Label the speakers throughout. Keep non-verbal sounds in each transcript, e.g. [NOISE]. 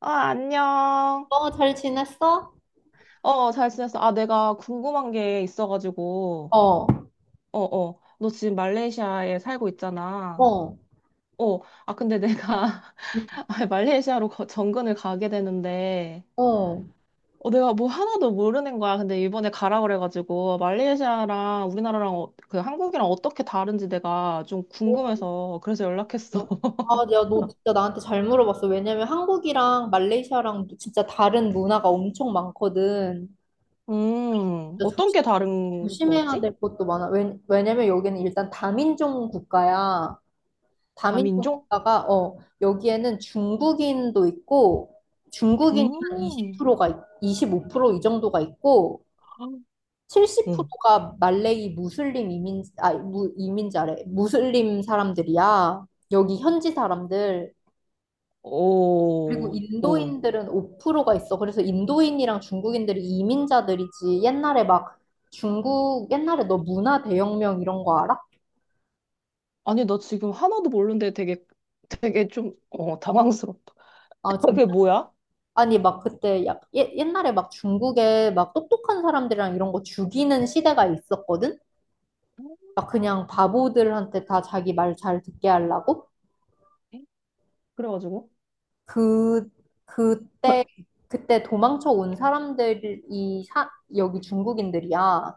Speaker 1: 아, 안녕.
Speaker 2: 어, 잘 지냈어?
Speaker 1: 어, 어, 잘 지냈어. 아, 내가 궁금한 게 있어가지고.
Speaker 2: 어,
Speaker 1: 어, 어. 너 지금 말레이시아에 살고 있잖아.
Speaker 2: 어.
Speaker 1: 어, 아, 근데 내가 [LAUGHS] 아, 말레이시아로 정근을 가게 되는데,
Speaker 2: 어,
Speaker 1: 어, 내가 뭐 하나도 모르는 거야. 근데 이번에 가라 그래가지고, 말레이시아랑 우리나라랑 어, 그 한국이랑 어떻게 다른지 내가 좀 궁금해서 그래서 연락했어.
Speaker 2: 아,
Speaker 1: [LAUGHS]
Speaker 2: 야, 너 진짜 나한테 잘 물어봤어. 왜냐면 한국이랑 말레이시아랑 진짜 다른 문화가 엄청 많거든. 진짜
Speaker 1: 어떤
Speaker 2: 조심,
Speaker 1: 게 다른
Speaker 2: 조심해야
Speaker 1: 거지?
Speaker 2: 될 것도 많아. 왜냐면 여기는 일단 다민족 국가야. 다민족
Speaker 1: 다민족?
Speaker 2: 국가가, 여기에는 중국인도 있고, 중국인이 한
Speaker 1: 음.
Speaker 2: 프로가 25%이 정도가 있고,
Speaker 1: 응.
Speaker 2: 70%가 말레이 무슬림 이민자래. 무슬림 사람들이야. 여기 현지 사람들. 그리고
Speaker 1: 오, 오.
Speaker 2: 인도인들은 5%가 있어. 그래서 인도인이랑 중국인들이 이민자들이지. 옛날에 너 문화 대혁명 이런 거 알아?
Speaker 1: 아니, 나 지금 하나도 모르는데 되게 좀, 어, 당황스럽다.
Speaker 2: 아,
Speaker 1: [LAUGHS] 그게
Speaker 2: 진짜?
Speaker 1: 뭐야?
Speaker 2: 아니, 막 그때 옛날에 막 중국에 막 똑똑한 사람들이랑 이런 거 죽이는 시대가 있었거든? 막 그냥 바보들한테 다 자기 말 잘 듣게 하려고?
Speaker 1: 네. 그래가지고.
Speaker 2: 그, 그때, 그때 도망쳐 온 사람들이 여기 중국인들이야.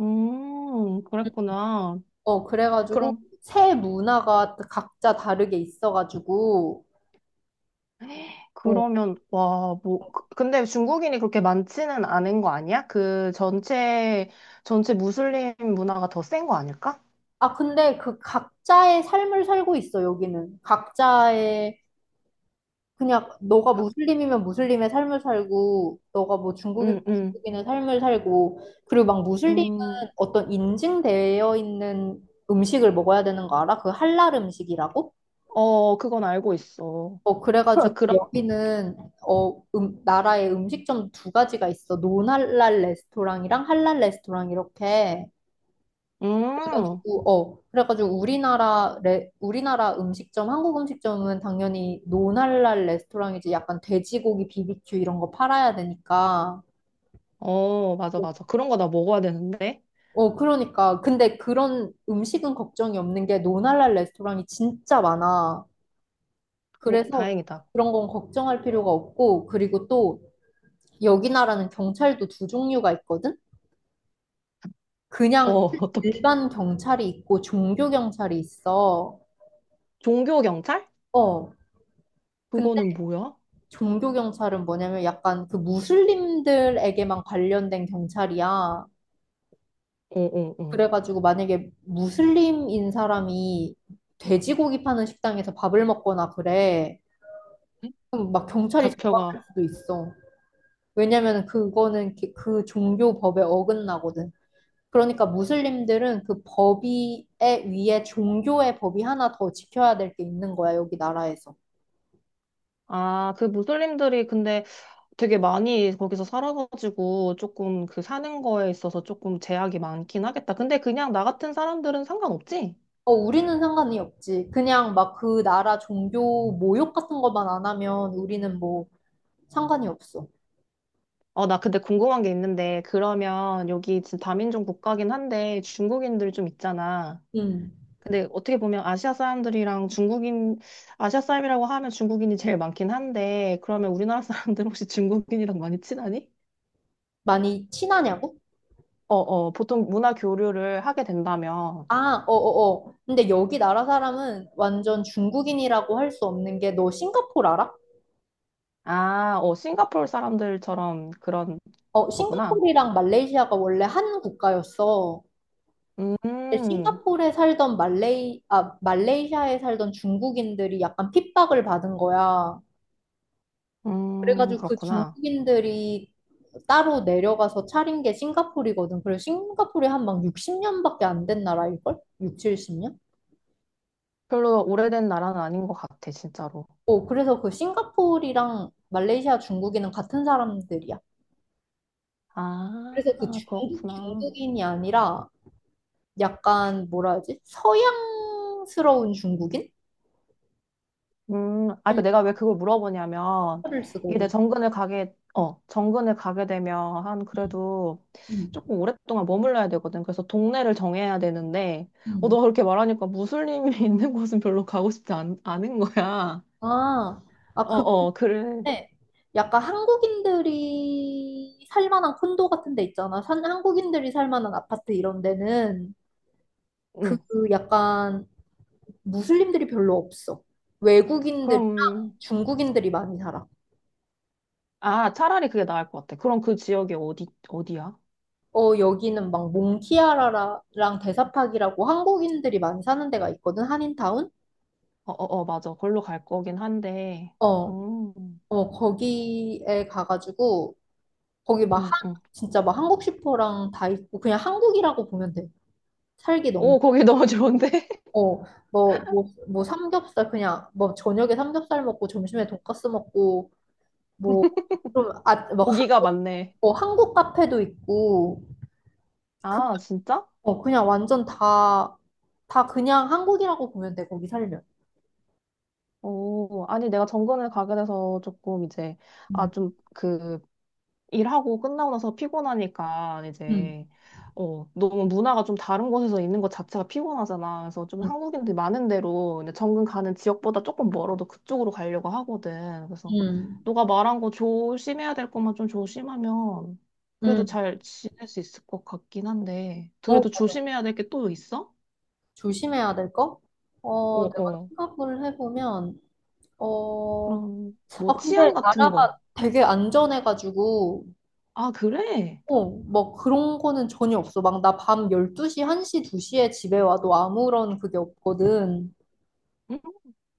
Speaker 1: 그랬구나.
Speaker 2: 어, 그래가지고,
Speaker 1: 그럼,
Speaker 2: 새 문화가 각자 다르게 있어가지고, 어.
Speaker 1: 그러면, 와, 뭐, 근데 중국인이 그렇게 많지는 않은 거 아니야? 그 전체, 전체 무슬림 문화가 더 센 거 아닐까?
Speaker 2: 아, 근데 그 각자의 삶을 살고 있어, 여기는. 각자의, 그냥, 너가
Speaker 1: 각,
Speaker 2: 무슬림이면 무슬림의 삶을 살고, 너가 뭐 중국이면
Speaker 1: 음, 음,
Speaker 2: 중국인의 삶을 살고, 그리고 막 무슬림은
Speaker 1: 음,
Speaker 2: 어떤 인증되어 있는 음식을 먹어야 되는 거 알아? 그 할랄 음식이라고?
Speaker 1: 어, 그건 알고 있어.
Speaker 2: 어, 그래가지고
Speaker 1: [LAUGHS] 그런,
Speaker 2: 여기는 어, 나라의 음식점 두 가지가 있어. 논할랄 레스토랑이랑 할랄 레스토랑 이렇게.
Speaker 1: 음,
Speaker 2: 그래가지고 우리나라 음식점, 한국 음식점은 당연히 논할랄 레스토랑이지. 약간 돼지고기 비비큐 이런 거 팔아야 되니까.
Speaker 1: 어, 맞아,
Speaker 2: 어,
Speaker 1: 맞아. 그런 거 나 먹어야 되는데.
Speaker 2: 어, 그러니까. 근데 그런 음식은 걱정이 없는 게 논할랄 레스토랑이 진짜 많아.
Speaker 1: 어,
Speaker 2: 그래서
Speaker 1: 다행이다.
Speaker 2: 그런 건 걱정할 필요가 없고, 그리고 또 여기 나라는 경찰도 두 종류가 있거든?
Speaker 1: 어,
Speaker 2: 그냥
Speaker 1: [LAUGHS] 어떡해.
Speaker 2: 일반 경찰이 있고 종교 경찰이 있어.
Speaker 1: 종교 경찰?
Speaker 2: 어. 근데
Speaker 1: 그거는 뭐야? 어,
Speaker 2: 종교 경찰은 뭐냐면 약간 그 무슬림들에게만 관련된 경찰이야.
Speaker 1: 어, 어.
Speaker 2: 그래가지고 만약에 무슬림인 사람이 돼지고기 파는 식당에서 밥을 먹거나 그래.
Speaker 1: 에?
Speaker 2: 그럼 막 경찰이 잡아갈
Speaker 1: 잡혀가.
Speaker 2: 수도 있어. 왜냐면 그거는 그 종교 법에 어긋나거든. 그러니까 무슬림들은 그 법이 위에 종교의 법이 하나 더 지켜야 될 게 있는 거야, 여기 나라에서.
Speaker 1: 아, 그 무슬림들이 근데 되게 많이 거기서 살아가지고 조금 그 사는 거에 있어서 조금 제약이 많긴 하겠다. 근데 그냥 나 같은 사람들은 상관없지?
Speaker 2: 어, 우리는 상관이 없지. 그냥 막 그 나라 종교 모욕 같은 것만 안 하면 우리는 뭐 상관이 없어.
Speaker 1: 어, 나 근데 궁금한 게 있는데, 그러면 여기 지금 다민족 국가긴 한데 중국인들 좀 있잖아.
Speaker 2: 음.
Speaker 1: 근데 어떻게 보면 아시아 사람들이랑 중국인, 아시아 사람이라고 하면 중국인이 제일 많긴 한데, 그러면 우리나라 [LAUGHS] 사람들 혹시 중국인이랑 많이 친하니?
Speaker 2: 많이 친하냐고?
Speaker 1: 어, 어, 보통 문화 교류를 하게 된다면,
Speaker 2: 아, 어어어. 근데 여기 나라 사람은 완전 중국인이라고 할 수 없는 게 너 싱가포르 알아?
Speaker 1: 아, 어, 싱가포르 사람들처럼 그런
Speaker 2: 어,
Speaker 1: 거구나.
Speaker 2: 싱가포르랑 말레이시아가 원래 한 국가였어. 근데
Speaker 1: 음,
Speaker 2: 싱가포르에 살던 말레이시아에 살던 중국인들이 약간 핍박을 받은 거야. 그래가지고 그
Speaker 1: 그렇구나.
Speaker 2: 중국인들이 따로 내려가서 차린 게 싱가포르거든. 그래서 싱가포르에 한 막 60년밖에 안 된 나라일걸? 6, 70년?
Speaker 1: 별로 오래된 나라는 아닌 것 같아, 진짜로.
Speaker 2: 어, 그래서 그 싱가포르랑 말레이시아 중국인은 같은 사람들이야.
Speaker 1: 아,
Speaker 2: 그래서
Speaker 1: 그렇구나.
Speaker 2: 중국인이 아니라 약간 뭐라 하지? 서양스러운 중국인?
Speaker 1: 아, 그러니까 내가 왜 그걸 물어보냐면,
Speaker 2: 때문에 를
Speaker 1: 이게 내
Speaker 2: 쓰거든.
Speaker 1: 정근을 가게, 어, 정근을 가게 되면 한 그래도
Speaker 2: 음.
Speaker 1: 조금 오랫동안 머물러야 되거든. 그래서 동네를 정해야 되는데, 어,
Speaker 2: 음.
Speaker 1: 너 그렇게 말하니까 무슬림이 [LAUGHS] 있는 곳은 별로 가고 않은 거야.
Speaker 2: 아,
Speaker 1: 어,
Speaker 2: 그,
Speaker 1: 어, 그래.
Speaker 2: 네, 약간 한국인들이 살만한 콘도 같은 데 있잖아. 한국인들이 살만한 아파트 이런 데는 그
Speaker 1: 응.
Speaker 2: 약간 무슬림들이 별로 없어. 외국인들이,
Speaker 1: 그럼,
Speaker 2: 중국인들이 많이 살아.
Speaker 1: 아, 차라리 그게 나을 것 같아. 그럼 그 지역이 어디, 어디야?
Speaker 2: 어, 여기는 막 몽키아라랑 대사팍이라고 한국인들이 많이 사는 데가 있거든, 한인타운?
Speaker 1: 어, 어, 어, 맞아. 걸로 갈 거긴 한데,
Speaker 2: 어,
Speaker 1: 음,
Speaker 2: 어, 거기에 가가지고, 거기 막
Speaker 1: 음, 음.
Speaker 2: 진짜 막 한국 슈퍼랑 다 있고, 그냥 한국이라고 보면 돼. 살기 너무.
Speaker 1: 오, 거기 너무 좋은데? [LAUGHS]
Speaker 2: 어, 뭐 삼겹살 그냥 뭐 저녁에 삼겹살 먹고 점심에 돈까스 먹고 뭐 좀 뭐
Speaker 1: 고기가 많네.
Speaker 2: 한국 카페도 있고 그,
Speaker 1: 아, 진짜?
Speaker 2: 그냥 완전 다 그냥 한국이라고 보면 돼 거기 살면.
Speaker 1: 오, 아니, 내가 정근을 가게 돼서 조금 이제, 아,
Speaker 2: 음,
Speaker 1: 좀, 그, 일하고 끝나고 나서 피곤하니까,
Speaker 2: 음,
Speaker 1: 이제, 어, 너무 문화가 좀 다른 곳에서 있는 것 자체가 피곤하잖아. 그래서 좀
Speaker 2: 음,
Speaker 1: 한국인들이 많은 데로, 근데 정근 가는 지역보다 조금 멀어도 그쪽으로 가려고 하거든. 그래서,
Speaker 2: 음,
Speaker 1: 너가 말한 거 조심해야 될 것만 좀 조심하면, 그래도
Speaker 2: 음.
Speaker 1: 잘 지낼 수 있을 것 같긴 한데, 그래도
Speaker 2: 어,
Speaker 1: 조심해야 될 게 또 있어?
Speaker 2: 조심해야 될 거?
Speaker 1: 어,
Speaker 2: 어, 내가
Speaker 1: 어.
Speaker 2: 생각을 해보면 어,
Speaker 1: 그럼,
Speaker 2: 아
Speaker 1: 뭐,
Speaker 2: 근데
Speaker 1: 치안 같은 거.
Speaker 2: 나라가 되게 안전해가지고.
Speaker 1: 아, 그래?
Speaker 2: 어, 뭐 그런 거는 전혀 없어. 막 나 밤 12시, 1시, 2시에 집에 와도 아무런 그게 없거든.
Speaker 1: 응,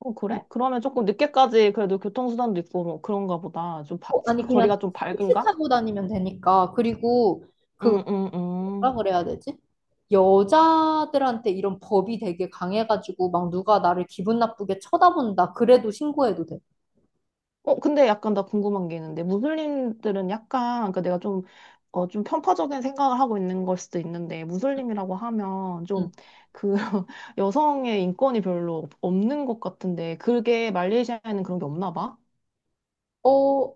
Speaker 1: 어, 그래? 그러면 조금 늦게까지 그래도 교통수단도 있고 뭐 그런가 보다.
Speaker 2: 어, 아니 그냥
Speaker 1: 거리가 좀
Speaker 2: 택시
Speaker 1: 밝은가?
Speaker 2: 타고 다니면 되니까. 그리고 그
Speaker 1: 응, 응,
Speaker 2: 뭐라
Speaker 1: 응.
Speaker 2: 그래야 되지? 여자들한테 이런 법이 되게 강해가지고 막 누가 나를 기분 나쁘게 쳐다본다. 그래도 신고해도 돼.
Speaker 1: 어, 근데 약간 나 궁금한 게 있는데, 무슬림들은 약간, 그러니까 내가 좀, 어, 좀 편파적인 생각을 하고 있는 걸 수도 있는데, 무슬림이라고 하면
Speaker 2: 응.
Speaker 1: 좀, 그, [LAUGHS] 여성의 인권이 별로 없는 것 같은데, 그게 말레이시아에는 그런 게 없나 봐?
Speaker 2: 어,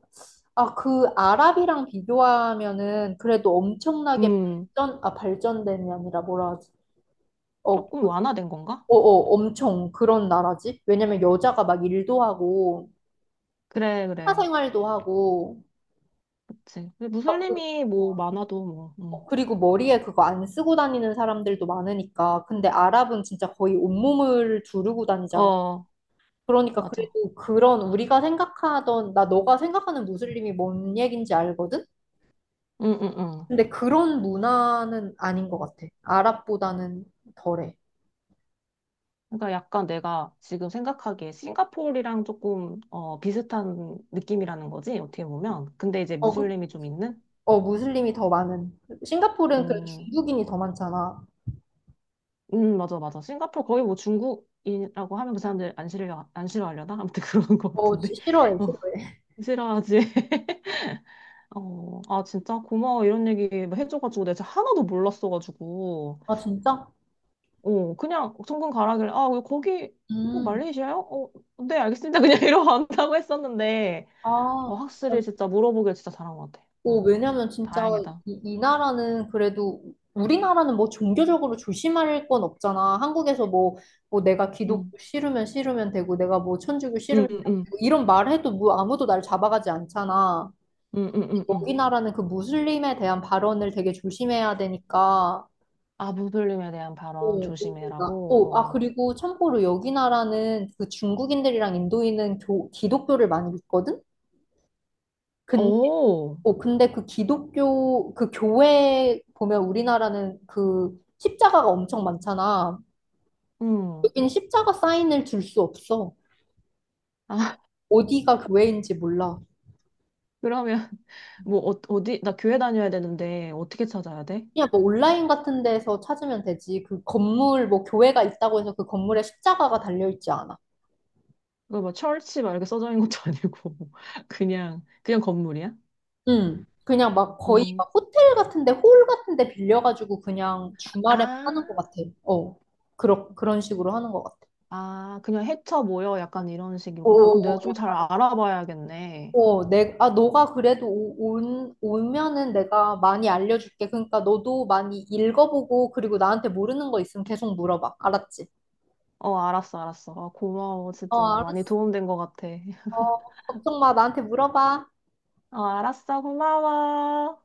Speaker 2: 아, 그 아랍이랑 비교하면은 그래도 엄청나게
Speaker 1: 음,
Speaker 2: 발전됨이 아니라 뭐라 하지? 어,
Speaker 1: 조금
Speaker 2: 그
Speaker 1: 완화된 건가?
Speaker 2: 엄청 그런 나라지. 왜냐면 여자가 막 일도 하고,
Speaker 1: 그래, 그래.
Speaker 2: 사생활도 하고,
Speaker 1: 그치. 근데
Speaker 2: 막
Speaker 1: 무슬림이 뭐 많아도 뭐,
Speaker 2: 그리고 머리에 그거 안 쓰고 다니는 사람들도 많으니까. 근데 아랍은 진짜 거의 온몸을 두르고 다니잖아.
Speaker 1: 어,
Speaker 2: 그러니까
Speaker 1: 맞아.
Speaker 2: 그래도 그런 우리가 생각하던, 나 너가 생각하는 무슬림이 뭔 얘긴지 알거든?
Speaker 1: 응응응.
Speaker 2: 근데 그런 문화는 아닌 것 같아. 아랍보다는 덜해.
Speaker 1: 그러니까 약간 내가 지금 생각하기에 싱가포르랑 조금 어, 비슷한 느낌이라는 거지 어떻게 보면. 근데 이제
Speaker 2: 어, 그,
Speaker 1: 무슬림이 좀 있는.
Speaker 2: 무슬림이 더 많은. 싱가포르는 그
Speaker 1: 음,
Speaker 2: 중국인이 더 많잖아.
Speaker 1: 맞아 맞아. 싱가포르 거의 뭐 중국이라고 하면 그 사람들 안 싫어하려나? 아무튼 [LAUGHS] 그런 거
Speaker 2: 어,
Speaker 1: 같은데.
Speaker 2: 싫어해,
Speaker 1: 어,
Speaker 2: 싫어해.
Speaker 1: 싫어하지. [LAUGHS] 어, 아, 진짜 고마워. 이런 얘기 뭐 해줘가지고 내가 진짜 하나도 몰랐어가지고.
Speaker 2: 아, 진짜?
Speaker 1: 어, 그냥 정근 가라길래, 아, 왜 거기, 어,
Speaker 2: 음.
Speaker 1: 말레이시아요? 어, 네, 알겠습니다. 그냥 [LAUGHS] 이러고 안다고 했었는데.
Speaker 2: 아,
Speaker 1: 어,
Speaker 2: 어,
Speaker 1: 확실히 진짜 물어보길 진짜 잘한 것 같아. 어,
Speaker 2: 왜냐면 진짜
Speaker 1: 다행이다.
Speaker 2: 이 나라는 그래도 우리나라는 뭐 종교적으로 조심할 건 없잖아. 한국에서 뭐 내가 기독교
Speaker 1: 응,
Speaker 2: 싫으면 되고 내가 뭐 천주교 싫으면
Speaker 1: 응, 응, 응,
Speaker 2: 되고 이런 말 해도 뭐 아무도 날 잡아가지 않잖아.
Speaker 1: 응, 응, 응. 응.
Speaker 2: 여기 나라는 그 무슬림에 대한 발언을 되게 조심해야 되니까.
Speaker 1: 아부불림에 대한 발언
Speaker 2: 오 나- 오, 아,
Speaker 1: 조심해라고.
Speaker 2: 그리고 참고로 여기 나라는 그 중국인들이랑 인도인은 기독교를 많이 믿거든?
Speaker 1: 어, 오,
Speaker 2: 어, 근데 그 교회 보면 우리나라는 그 십자가가 엄청 많잖아.
Speaker 1: 응.
Speaker 2: 여기는 십자가 사인을 줄 수 없어.
Speaker 1: 아, [LAUGHS]
Speaker 2: 어디가 교회인지 몰라.
Speaker 1: 그러면 뭐 어, 어디 나 교회 다녀야 되는데 어떻게 찾아야 돼?
Speaker 2: 그냥 뭐 온라인 같은 데서 찾으면 되지. 그 건물, 뭐 교회가 있다고 해서 그 건물에 십자가가 달려있지 않아.
Speaker 1: 그거 뭐 철치 막 이렇게 써져 있는 것도 아니고 [LAUGHS] 그냥 그냥 건물이야?
Speaker 2: 응. 그냥 막 거의
Speaker 1: 음.
Speaker 2: 막 호텔 같은 데, 홀 같은 데 빌려가지고 그냥 주말에만
Speaker 1: 아,
Speaker 2: 하는 것 같아. 어. 그런 식으로 하는 것 같아.
Speaker 1: 아, 그냥 해쳐 모여 약간 이런 식이구나. 그럼 내가 좀
Speaker 2: 오,
Speaker 1: 잘 알아봐야겠네.
Speaker 2: 어, 너가 그래도 오면은 내가 많이 알려줄게. 그러니까 너도 많이 읽어보고, 그리고 나한테 모르는 거 있으면 계속 물어봐. 알았지?
Speaker 1: 어, 알았어, 알았어. 아, 고마워.
Speaker 2: 어,
Speaker 1: 진짜 많이
Speaker 2: 알았어.
Speaker 1: 도움된 것 같아. [LAUGHS]
Speaker 2: 어, 걱정 마. 나한테 물어봐.
Speaker 1: 어, 알았어. 고마워.